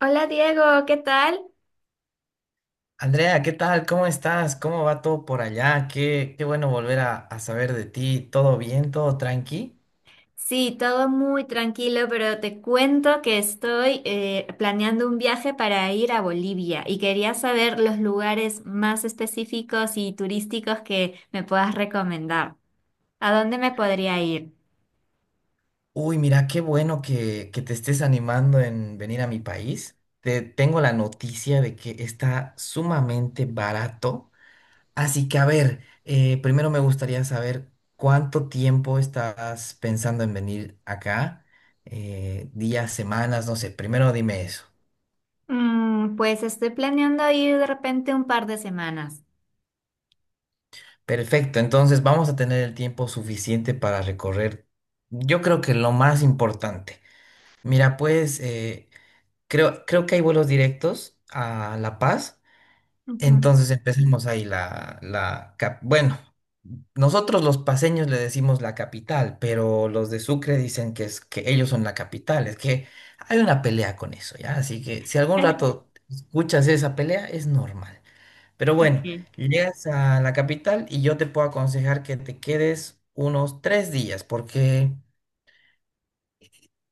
Hola Diego, ¿qué tal? Andrea, ¿qué tal? ¿Cómo estás? ¿Cómo va todo por allá? Qué bueno volver a saber de ti. ¿Todo bien? ¿Todo tranqui? Sí, todo muy tranquilo, pero te cuento que estoy planeando un viaje para ir a Bolivia y quería saber los lugares más específicos y turísticos que me puedas recomendar. ¿A dónde me podría ir? Uy, mira, qué bueno que te estés animando en venir a mi país. Te tengo la noticia de que está sumamente barato. Así que, a ver, primero me gustaría saber cuánto tiempo estás pensando en venir acá. Días, semanas, no sé. Primero dime eso. Pues estoy planeando ir de repente un par de semanas. Perfecto, entonces vamos a tener el tiempo suficiente para recorrer, yo creo que lo más importante. Mira, pues creo que hay vuelos directos a La Paz, Ujú. entonces empecemos ahí la bueno, nosotros los paseños le decimos la capital, pero los de Sucre dicen que es que ellos son la capital, es que hay una pelea con eso, ¿ya? Así que si algún rato escuchas esa pelea, es normal. Pero bueno, Ok. llegas a la capital y yo te puedo aconsejar que te quedes unos 3 días, porque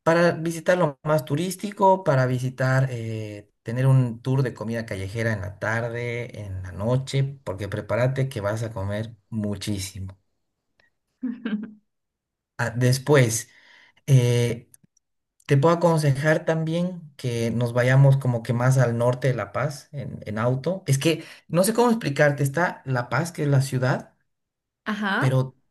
para visitar lo más turístico, para visitar, tener un tour de comida callejera en la tarde, en la noche, porque prepárate que vas a comer muchísimo. Ah, después, eh, te puedo aconsejar también que nos vayamos como que más al norte de La Paz en auto. Es que no sé cómo explicarte, está La Paz, que es la ciudad, Ajá. pero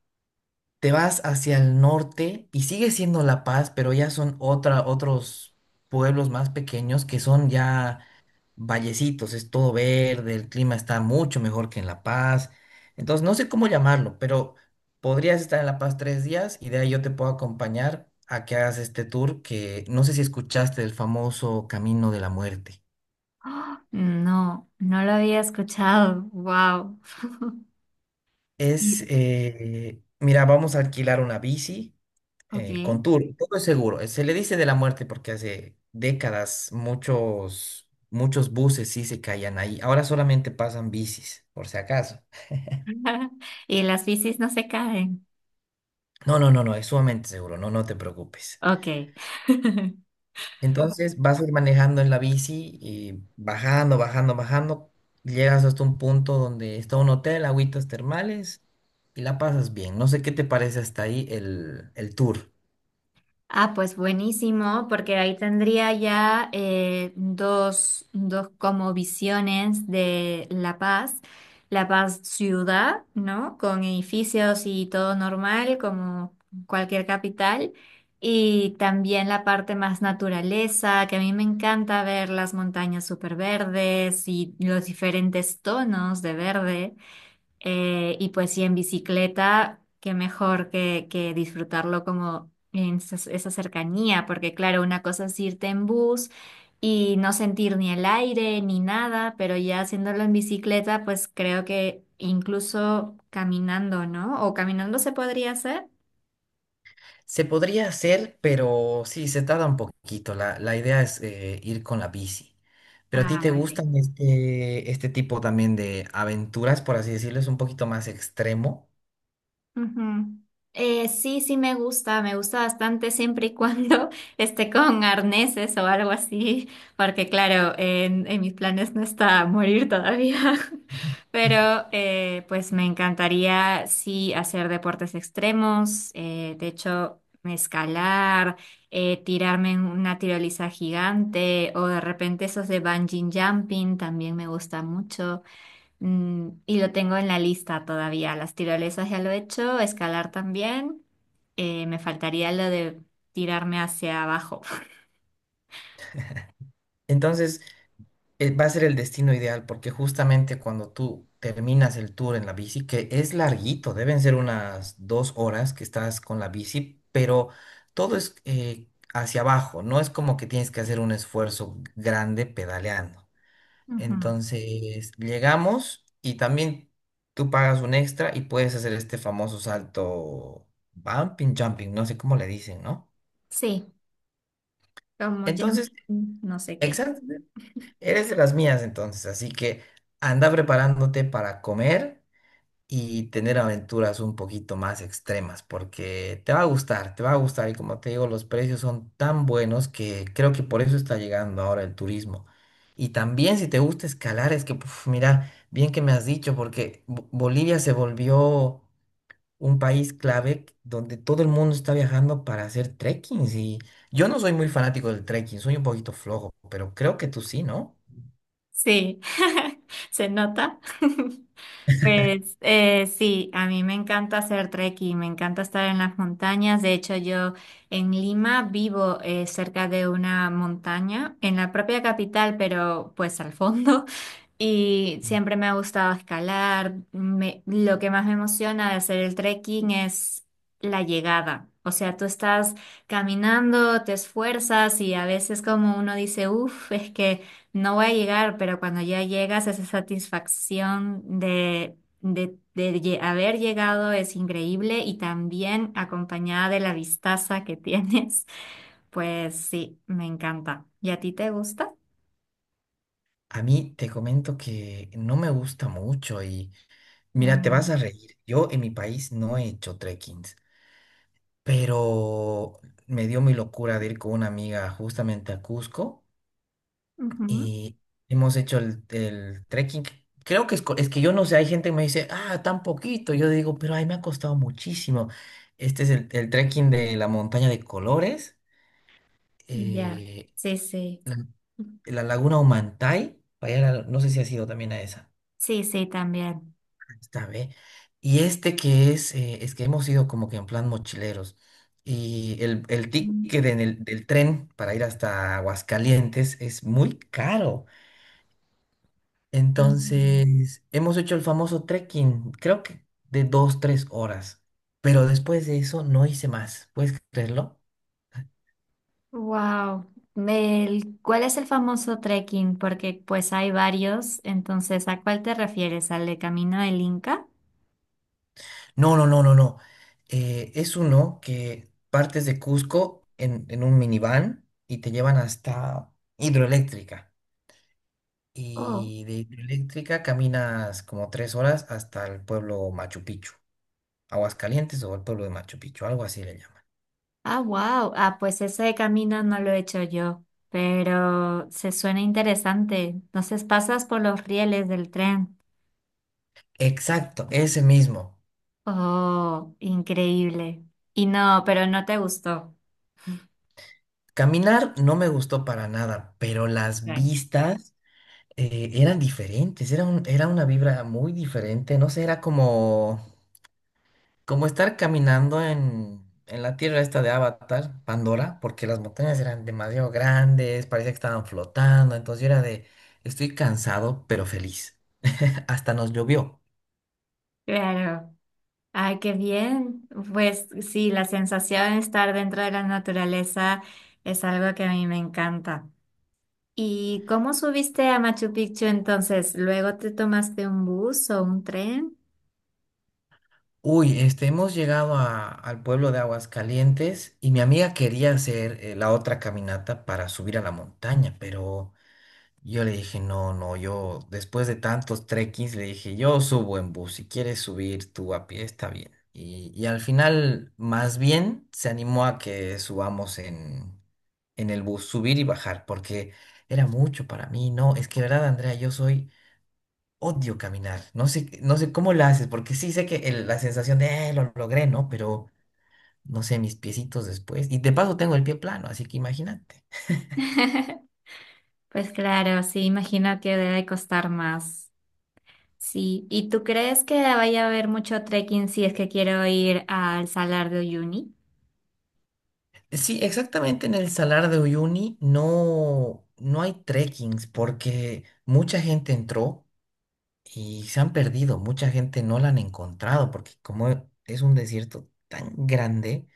te vas hacia el norte y sigue siendo La Paz, pero ya son otros pueblos más pequeños que son ya vallecitos, es todo verde, el clima está mucho mejor que en La Paz. Entonces, no sé cómo llamarlo, pero podrías estar en La Paz 3 días y de ahí yo te puedo acompañar a que hagas este tour que no sé si escuchaste del famoso Camino de la Muerte. ¡Ah! No, no lo había escuchado. Wow. Es, Y, mira, vamos a alquilar una bici ok. Con tour, todo es seguro. Se le dice de la muerte porque hace décadas muchos, muchos buses sí se caían ahí. Ahora solamente pasan bicis, por si acaso. Y las bicis no se caen. No, no, no, no, es sumamente seguro, no, no te preocupes. Ok. Entonces vas a ir manejando en la bici y bajando, bajando, bajando. Llegas hasta un punto donde está un hotel, agüitas termales y la pasas bien. No sé qué te parece hasta ahí el tour. Ah, pues buenísimo, porque ahí tendría ya dos, dos como visiones de La Paz. La Paz ciudad, ¿no? Con edificios y todo normal, como cualquier capital. Y también la parte más naturaleza, que a mí me encanta ver las montañas súper verdes y los diferentes tonos de verde. Y pues sí, en bicicleta, qué mejor que disfrutarlo como en esa, esa cercanía, porque claro, una cosa es irte en bus y no sentir ni el aire ni nada, pero ya haciéndolo en bicicleta, pues creo que incluso caminando, ¿no? ¿O caminando se podría hacer? Se podría hacer, pero sí, se tarda un poquito. La idea es ir con la bici. Pero a ti Ah, te vale. gustan este tipo también de aventuras, por así decirlo, es un poquito más extremo. Ujú. Sí, sí me gusta bastante siempre y cuando esté con arneses o algo así, porque claro, en mis planes no está morir todavía, Ujú. pero pues me encantaría sí hacer deportes extremos, de hecho escalar, tirarme en una tiroliza gigante o de repente esos de bungee jumping también me gusta mucho. Y lo tengo en la lista todavía. Las tirolesas ya lo he hecho, escalar también. Me faltaría lo de tirarme hacia abajo. Entonces, va a ser el destino ideal porque justamente cuando tú terminas el tour en la bici, que es larguito, deben ser unas 2 horas que estás con la bici, pero todo es hacia abajo, no es como que tienes que hacer un esfuerzo grande pedaleando. Ujú. Entonces llegamos y también tú pagas un extra y puedes hacer este famoso salto bumping, jumping, no sé cómo le dicen, ¿no? Sí, como Entonces, jumping, no sé qué. exacto, eres de las mías entonces, así que anda preparándote para comer y tener aventuras un poquito más extremas, porque te va a gustar, te va a gustar, y como te digo, los precios son tan buenos que creo que por eso está llegando ahora el turismo. Y también si te gusta escalar, es que, puf, mira, bien que me has dicho, porque Bolivia se volvió un país clave donde todo el mundo está viajando para hacer trekkings, y yo no soy muy fanático del trekking, soy un poquito flojo, pero creo que tú sí, ¿no? Sí, se nota. Pues sí, a mí me encanta hacer trekking, me encanta estar en las montañas. De hecho, yo en Lima vivo cerca de una montaña, en la propia capital, pero pues al fondo. Y siempre me ha gustado escalar. Me- lo que más me emociona de hacer el trekking es la llegada. O sea, tú estás caminando, te esfuerzas y a veces como uno dice, uff, es que... No voy a llegar, pero cuando ya llegas, esa satisfacción de haber llegado es increíble y también acompañada de la vistaza que tienes, pues sí, me encanta. ¿Y a ti te gusta? A mí te comento que no me gusta mucho, y mira, te vas Mm, a reír. Yo en mi país no he hecho trekkings, pero me dio mi locura de ir con una amiga justamente a Cusco, ujú. y hemos hecho el trekking. Creo que es, es que yo no sé, hay gente que me dice, ah, tan poquito. Yo digo, pero ay, me ha costado muchísimo. Este es el trekking de la montaña de colores, Ya. eh, Sí, sí. la, la laguna Humantay. Para allá, no sé si has ido también a esa. Sí, sí, también. Está bien. Y este que es que hemos ido como que en plan mochileros. Y el ticket del tren para ir hasta Aguascalientes es muy caro. Entonces, hemos hecho el famoso trekking, creo que de 2, 3 horas. Pero después de eso no hice más. ¿Puedes creerlo? Wow. ¿Cuál es el famoso trekking? Porque pues hay varios, entonces, ¿a cuál te refieres? ¿Al de Camino del Inca? No, no, no, no, no. Es uno que partes de Cusco en un minivan y te llevan hasta Hidroeléctrica. Y de Hidroeléctrica caminas como 3 horas hasta el pueblo Machu Picchu, Aguascalientes, o el pueblo de Machu Picchu, algo así le llaman. Ah, wow. Ah, pues ese camino no lo he hecho yo, pero se suena interesante. Entonces pasas por los rieles del tren. Exacto, ese mismo. Oh, increíble. Y no, pero no te gustó. Caminar no me gustó para nada, pero las Claro. vistas eran diferentes, era era una vibra muy diferente, no sé, era como estar caminando en la tierra esta de Avatar, Pandora, porque las montañas eran demasiado grandes, parecía que estaban flotando, entonces yo era de, estoy cansado pero feliz. Hasta nos llovió. Claro. Ay, qué bien. Pues sí, la sensación de estar dentro de la naturaleza es algo que a mí me encanta. ¿Y cómo subiste a Machu Picchu entonces? ¿Luego te tomaste un bus o un tren? Uy, este, hemos llegado al pueblo de Aguascalientes, y mi amiga quería hacer la otra caminata para subir a la montaña, pero yo le dije, no, no, yo después de tantos trekkings le dije, yo subo en bus, si quieres subir tú a pie, está bien. Y al final, más bien, se animó a que subamos en el bus, subir y bajar, porque era mucho para mí, ¿no? Es que, verdad, Andrea, yo soy. Odio caminar. No sé cómo la haces, porque sí sé que la sensación de: lo logré, ¿no?". Pero no sé, mis piecitos después. Y de paso tengo el pie plano, así que imagínate. Pues claro, sí, imagino que debe costar más. Sí, ¿y tú crees que vaya a haber mucho trekking si es que quiero ir al Salar de Uyuni? Sí, exactamente en el Salar de Uyuni no, no hay trekkings, porque mucha gente entró y se han perdido, mucha gente no la han encontrado porque como es un desierto tan grande,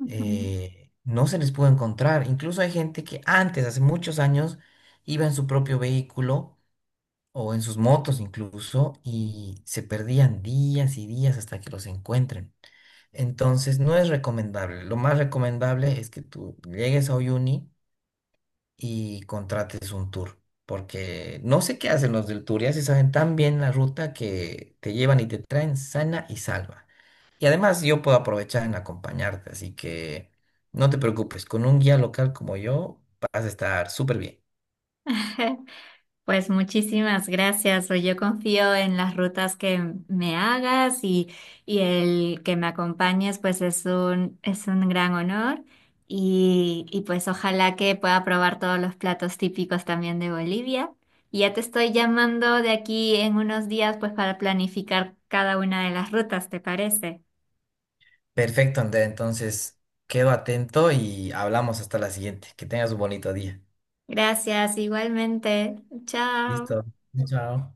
Ujú. No se les pudo encontrar. Incluso hay gente que antes, hace muchos años, iba en su propio vehículo o en sus motos incluso, y se perdían días y días hasta que los encuentren. Entonces, no es recomendable. Lo más recomendable es que tú llegues a Uyuni y contrates un tour, porque no sé qué hacen los del tour, ya se saben tan bien la ruta que te llevan y te traen sana y salva. Y además yo puedo aprovechar en acompañarte, así que no te preocupes, con un guía local como yo vas a estar súper bien. Pues muchísimas gracias. Pues yo confío en las rutas que me hagas y el que me acompañes, pues es un gran honor. Y pues ojalá que pueda probar todos los platos típicos también de Bolivia. Y ya te estoy llamando de aquí en unos días, pues para planificar cada una de las rutas, ¿te parece? Perfecto, Andrea. Entonces, quedo atento y hablamos hasta la siguiente. Que tengas un bonito día. Gracias, igualmente. Chao. Listo. Chao.